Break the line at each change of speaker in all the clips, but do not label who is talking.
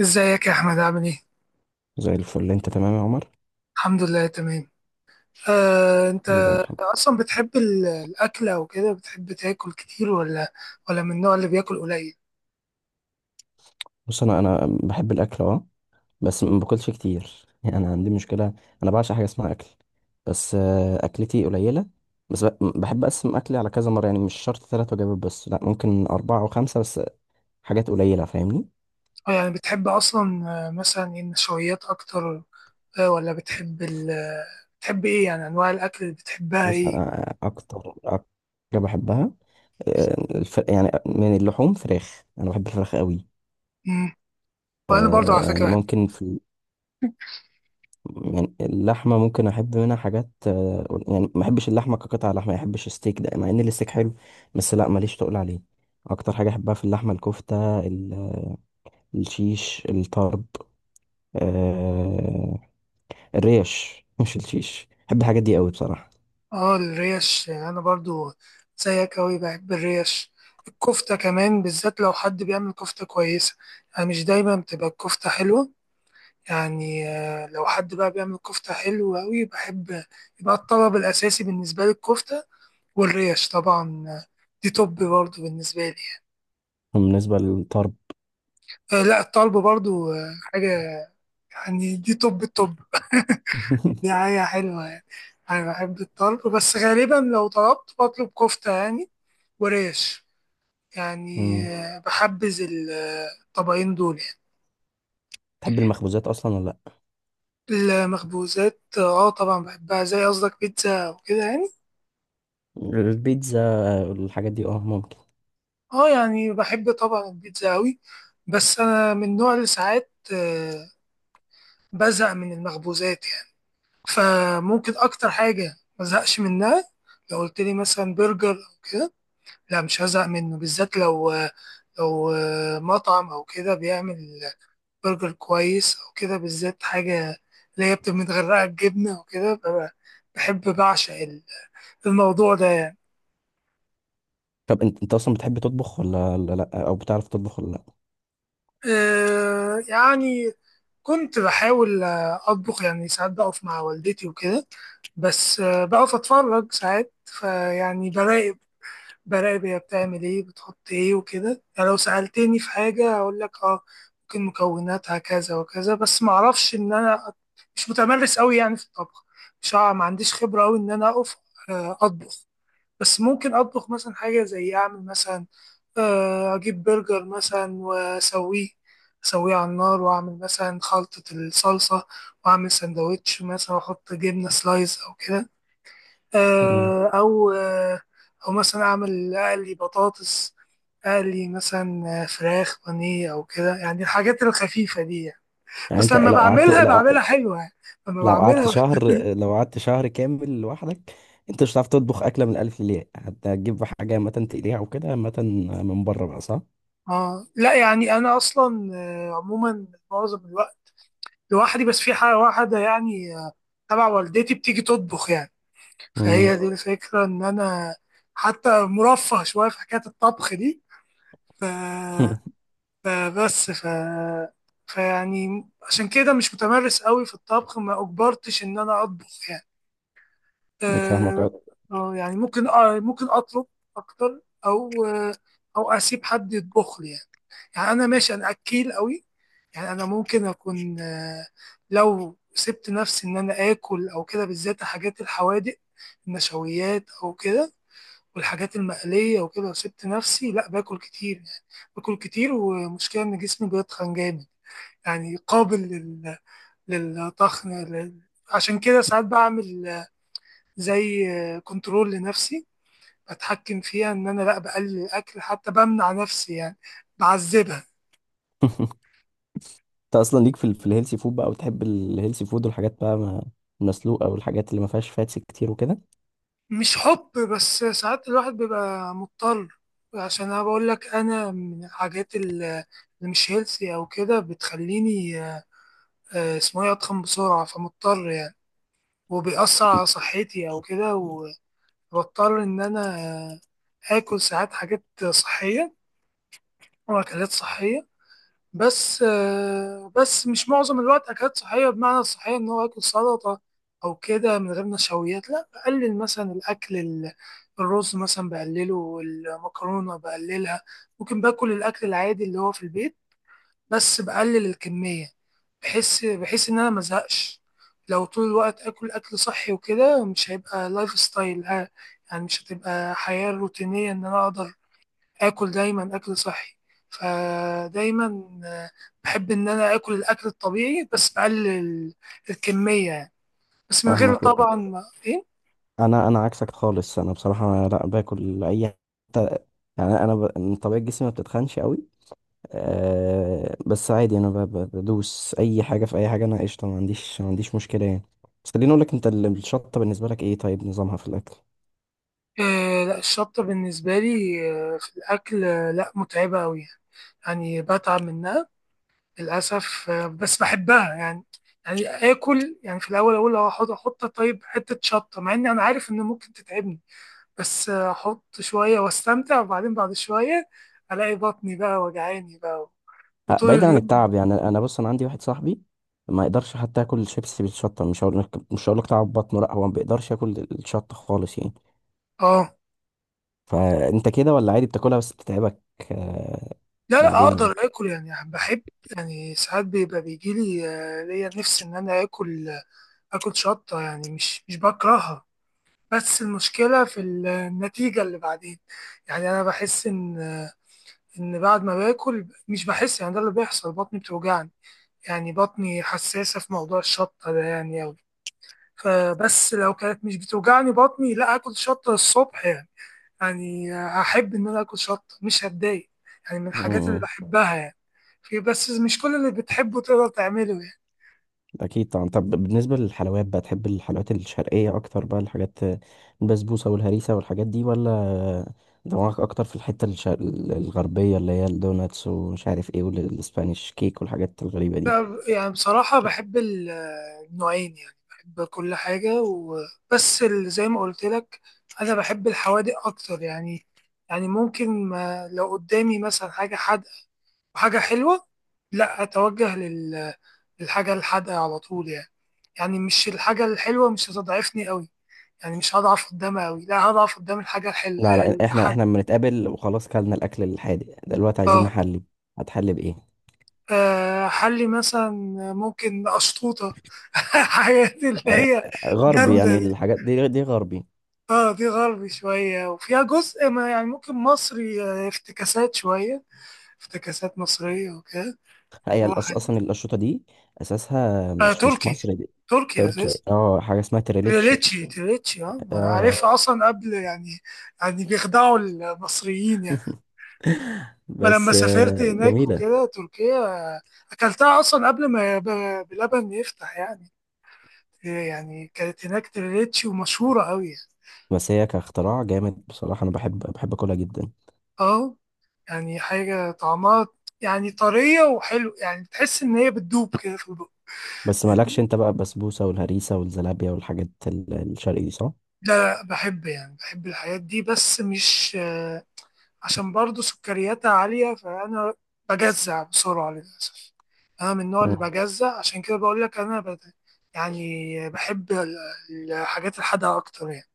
ازيك يا احمد، عامل ايه؟
زي الفل، انت تمام يا عمر؟
الحمد لله تمام. انت
ايه ده الحمد.
اصلا بتحب الاكل او كده، بتحب تاكل كتير ولا من النوع اللي بياكل قليل؟
بص، انا بحب الاكل، اه. بس ما باكلش كتير يعني انا عندي مشكله. انا بعشق حاجه اسمها اكل. بس اكلتي قليله. بس ب- بحب اقسم اكلي على كذا مره، يعني مش شرط ثلاث وجبات، بس لا ممكن اربعه او خمسه بس. حاجات قليله، فاهمني؟
أو يعني بتحب اصلا مثلا إيه، النشويات اكتر؟ ولا بتحب ال بتحب ايه؟ يعني انواع الاكل اللي بتحبها
بص،
ايه؟
انا اكتر حاجه بحبها يعني من اللحوم فراخ. انا بحب الفراخ قوي.
مم. وانا برضو على
آه،
فكره بحب.
ممكن في يعني اللحمة ممكن أحب منها حاجات، يعني ما أحبش اللحمة كقطعة لحمة، ما أحبش الستيك ده، مع إن الستيك حلو، بس لأ ماليش تقول عليه. أكتر حاجة أحبها في اللحمة الكفتة، الشيش الطرب، آه، الريش مش الشيش، بحب الحاجات دي قوي بصراحة.
اه، الريش، يعني انا برضو زيك اوي بحب الريش. الكفته كمان، بالذات لو حد بيعمل كفته كويسه. يعني مش دايما بتبقى الكفته حلوه. يعني لو حد بقى بيعمل كفتة حلوة أوي بحب. يبقى الطلب الأساسي بالنسبة لي الكفتة. والريش طبعا. دي توب برضه بالنسبة لي يعني.
بالنسبة للطرب.
لا، الطلب برضه حاجة. يعني دي توب التوب. دي حاجة حلوة يعني. أنا بحب الطلب، بس غالبا لو طلبت بطلب كفتة يعني. وريش. يعني
مم.
بحبذ الطبقين دول يعني.
تحب المخبوزات أصلا ولا لأ؟
المخبوزات، اه، طبعا بحبها، زي قصدك بيتزا وكده يعني.
البيتزا، آه، الحاجات دي أه ممكن.
اه، يعني بحب طبعا البيتزا قوي. بس انا من النوع اللي ساعات، بزهق من المخبوزات يعني، فممكن اكتر حاجه ما ازهقش منها، لو قلت لي مثلا برجر او كده. لا، مش هزهق منه، بالذات لو لو مطعم او كده بيعمل برجر كويس او كده، بالذات حاجه اللي هي بتبقى متغرقه بجبنه وكده، بحب، بعشق الموضوع ده يعني.
طب أنت، أنت أصلا بتحب تطبخ ولا لأ، أو بتعرف تطبخ ولا لأ؟
يعني كنت بحاول أطبخ، يعني ساعات بقف مع والدتي وكده. بس بقف أتفرج ساعات، فيعني براقب، براقب هي بتعمل إيه، بتحط إيه وكده، يعني لو سألتني في حاجة أقول لك أه، ممكن مكوناتها كذا وكذا، بس معرفش إن أنا مش متمرس أوي يعني في الطبخ. مش ما عنديش خبرة أوي إن أنا أقف أطبخ. بس ممكن أطبخ مثلا حاجة، زي أعمل مثلا أجيب برجر مثلا وأسويه، أسويه على النار، وأعمل مثلا خلطة الصلصة، وأعمل سندوتش مثلا، وأحط جبنة سلايز أو كده.
مم.
آه، أو آه، أو مثلا أعمل أقلي بطاطس، أقلي مثلا فراخ بانيه أو كده، يعني الحاجات الخفيفة دي يعني.
يعني
بس
أنت
لما
لو قعدت
بعملها،
لو
بعملها حلوة يعني. لما
لو قعدت
بعملها.
شهر، لو قعدت شهر كامل لوحدك، انت مش هتعرف تطبخ اكله من الالف للياء؟ هتجيب حاجه عامه تقليها وكده، عامه من بره بقى، صح؟
آه، لا، يعني أنا أصلا عموما معظم الوقت لوحدي، بس في حاجة واحدة يعني، تبع والدتي بتيجي تطبخ يعني.
امم.
فهي دي الفكرة إن أنا حتى مرفه شوية في حكاية الطبخ دي. ف... فبس ف... فيعني عشان كده مش متمرس قوي في الطبخ، ما أجبرتش إن أنا أطبخ يعني.
فاهمك،
آه،
اه.
يعني ممكن أطلب أكتر، أو أسيب حد يطبخ لي يعني. يعني انا ماشي، انا اكيل قوي. يعني انا ممكن اكون، لو سبت نفسي ان انا اكل او كده، بالذات حاجات الحوادق، النشويات او كده، والحاجات المقليه وكده. لو سبت نفسي، لا، باكل كتير يعني، باكل كتير، ومشكله ان جسمي بيتخن جامد. يعني قابل للطخن، عشان كده ساعات بعمل، زي كنترول لنفسي، بتحكم فيها ان انا، لا، بقلل الاكل، حتى بمنع نفسي يعني، بعذبها.
انت اصلا ليك في الهيلثي فود بقى، وتحب الهيلثي فود والحاجات بقى المسلوقه، والحاجات اللي ما فيهاش فاتس كتير وكده.
مش حب، بس ساعات الواحد بيبقى مضطر. عشان انا بقول لك، انا من الحاجات اللي مش هيلثي او كده بتخليني، اسمه ايه، اتخن بسرعه، فمضطر يعني، وبيأثر على صحتي او كده، وبضطر ان انا اكل ساعات حاجات صحيه، واكلات صحيه. بس مش معظم الوقت أكلات صحية، بمعنى الصحية إن هو آكل سلطة أو كده من غير نشويات. لا، بقلل مثلا الأكل، الرز مثلا بقلله، والمكرونة بقللها. ممكن باكل الأكل العادي اللي هو في البيت، بس بقلل الكمية. بحس إن أنا مزهقش لو طول الوقت آكل أكل صحي وكده، مش هيبقى لايف ستايل، ها؟ يعني مش هتبقى حياة روتينية إن أنا أقدر آكل دايما أكل صحي. فدايما، آه، بحب إن أنا آكل الأكل الطبيعي، بس بقلل الكمية يعني. بس من غير
فاهمك بقى.
طبعا، إيه.
انا عكسك خالص. انا بصراحه لا باكل اي يعني انا من طبيعه جسمي ما بتتخنش قوي. أه، بس عادي انا بدوس اي حاجه في اي حاجه. انا قشطه، ما عنديش مشكله يعني. بس خليني اقول لك، انت الشطه بالنسبه لك ايه؟ طيب، نظامها في الاكل.
آه، لا، الشطة بالنسبة لي، في الأكل، لا متعبة أوي. يعني بتعب منها، للأسف. بس بحبها يعني. يعني آكل يعني في الأول أقول لو أحط طيب، حتة شطة، مع إني أنا عارف إن ممكن تتعبني. بس أحط شوية وأستمتع، وبعدين بعد شوية الاقي بطني بقى وجعاني بقى،
أه،
وطول
بعيدا عن
اليوم.
التعب، يعني انا، بص، انا عندي واحد صاحبي ما يقدرش حتى ياكل شيبسي بالشطه. مش هقول لك، تعب بطنه، لا، هو ما بيقدرش ياكل الشطه خالص يعني.
اه،
فانت كده ولا عادي بتاكلها بس بتتعبك؟ أه،
لا، لا
بعدين يعني.
اقدر اكل، يعني بحب. يعني ساعات بيبقى بيجي لي، ليا نفسي ان انا اكل، اكل شطه يعني، مش بكرهها. بس المشكله في النتيجه اللي بعدين. يعني انا بحس ان بعد ما باكل، مش بحس يعني، ده اللي بيحصل، بطني بتوجعني. يعني بطني حساسه في موضوع الشطه ده يعني أوي. فبس، لو كانت مش بتوجعني بطني، لا، اكل شطه الصبح يعني. يعني هحب إن أنا أكل شطة مش هتضايق، يعني من
م-
الحاجات اللي
م.
بحبها يعني. في، بس مش كل اللي بتحبه تقدر تعمله يعني.
اكيد طبعا. طب بالنسبه للحلويات بقى، تحب الحلويات الشرقيه اكتر بقى، الحاجات، البسبوسه والهريسه والحاجات دي، ولا دماغك اكتر في الحته الغربيه اللي هي الدوناتس ومش عارف ايه والاسبانيش كيك والحاجات الغريبه دي؟
لا، يعني بصراحة بحب النوعين، يعني بحب كل حاجة، وبس زي ما قلت لك، أنا بحب الحوادق أكتر يعني. يعني ممكن، ما لو قدامي مثلا حاجة حادقة وحاجة حلوة، لا أتوجه للحاجة الحادقة على طول يعني. يعني مش الحاجة الحلوة مش هتضعفني قوي، يعني مش هضعف قدامها أوي، لا هضعف قدام
لا لا، احنا
الحاجة،
احنا لما نتقابل وخلاص كلنا الاكل الحادق دلوقتي، عايزين
اه،
نحلي. هتحلي بايه؟
حلي مثلا، ممكن أشطوطة. حاجات اللي
آه،
هي
غربي
جامدة
يعني؟
دي.
الحاجات دي دي غربي.
اه، دي غربي شوية، وفيها جزء ما يعني ممكن مصري، افتكاسات شوية، افتكاسات مصرية وكده.
هي
واحد.
اصلا الاشرطه دي اساسها مش،
تركي،
مصري، دي
تركي
تركي.
أساس.
اه، حاجه اسمها تريليتشي.
تريليتشي، تريليتشي، اه، ما أنا
اه.
عارفها أصلا قبل يعني. يعني بيخدعوا المصريين يعني. ما لما
بس
بس سافرت
آه،
هناك
جميلة.
وكده، تركيا، اكلتها اصلا قبل ما بلبن يفتح يعني. يعني كانت هناك تريليتشي، ومشهورة قوي يعني.
بس هي كاختراع جامد، بصراحة أنا بحب، أكلها جدا.
اه، يعني حاجة طعمها، يعني طرية وحلو، يعني تحس ان هي بتدوب كده في البق.
بس مالكش أنت بقى البسبوسة والهريسة والزلابية والحاجات الشرقي دي، صح؟
لا، بحب، يعني بحب الحاجات دي، بس مش عشان برضه سكرياتها عالية، فأنا بجزع بسرعة للأسف. أنا من النوع اللي
مم.
بجزع، عشان كده بقول لك أنا يعني بحب الحاجات الحادقة أكتر يعني،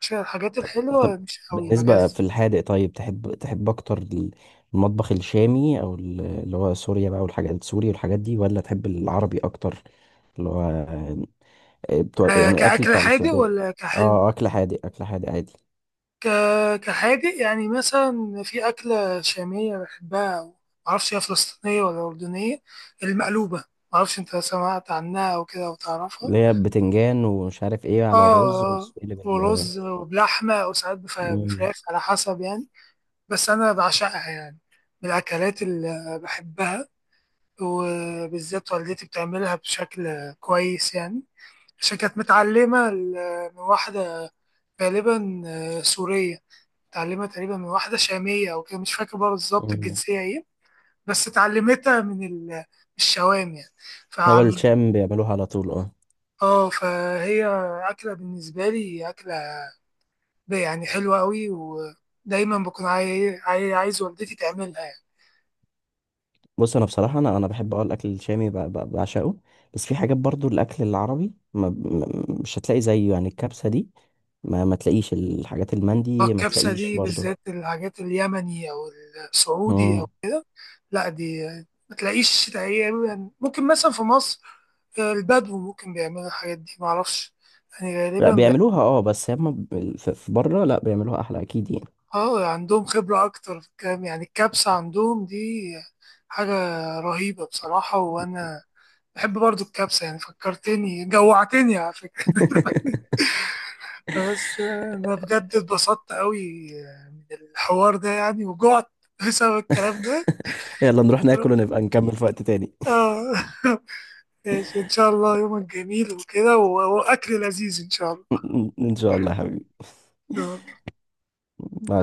عشان الحاجات
طب
الحلوة مش قوي
بالنسبة
بجزع.
في الحادق، طيب تحب، أكتر المطبخ الشامي أو اللي هو سوريا بقى والحاجات سوري والحاجات دي، ولا تحب العربي أكتر اللي هو آه، بتوع يعني أكل
كأكل
بتاع
حادق
السعودية؟
ولا كحلو؟
اه، أكل حادق، عادي.
ك... كحادق، يعني مثلا في أكلة شامية بحبها، أو معرفش هي فلسطينية ولا أردنية، المقلوبة. معرفش أنت سمعت عنها أو كده، أو تعرفها؟
اللي هي بتنجان ومش عارف ايه على الرز
اه،
وبتقلب
ورز وبلحمة، أو ساعات
مم.
بفراخ على حسب يعني. بس أنا بعشقها يعني، من الأكلات اللي بحبها، وبالذات والدتي بتعملها بشكل كويس يعني، عشان كانت متعلمة من واحدة، غالبا سورية، اتعلمت تقريبا من واحدة شامية أو كده، مش فاكر بقى بالظبط
مم.
الجنسية إيه. بس اتعلمتها من الشوام يعني.
هو
فعم.
الشام بيعملوها على طول، اه.
اه، فهي أكلة بالنسبة لي، أكلة ده يعني حلوة قوي، ودايما بكون عايز والدتي تعملها يعني.
بص، انا بصراحه، انا بحب، اه، الاكل الشامي بعشقه. بس في حاجات برضو الاكل العربي، مش هتلاقي زيه، يعني الكبسه دي ما تلاقيش، الحاجات المندي ما
الكبسة
تلاقيش
دي،
برضو.
بالذات الحاجات اليمني أو السعودي، أو
مم.
لا دي ما تلاقيش تقريبا. ممكن مثلا في مصر البدو ممكن بيعملوا الحاجات دي، معرفش، يعني
لا
غالبا
بيعملوها، اه، بس هم في بره لا بيعملوها احلى اكيد يعني.
اه، عندهم خبرة أكتر في الكلام، يعني الكبسة عندهم دي حاجة رهيبة بصراحة، وأنا بحب برضو الكبسة، يعني فكرتني، جوعتني على فكرة. بس انا بجد اتبسطت قوي من الحوار ده، يعني وجعت بسبب الكلام ده.
يلا نروح ناكل ونبقى نكمل في وقت تاني.
اه. ماشي، ان شاء الله يومك جميل وكده، واكل لذيذ ان شاء الله.
ان شاء الله يا حبيبي.
آه.
مع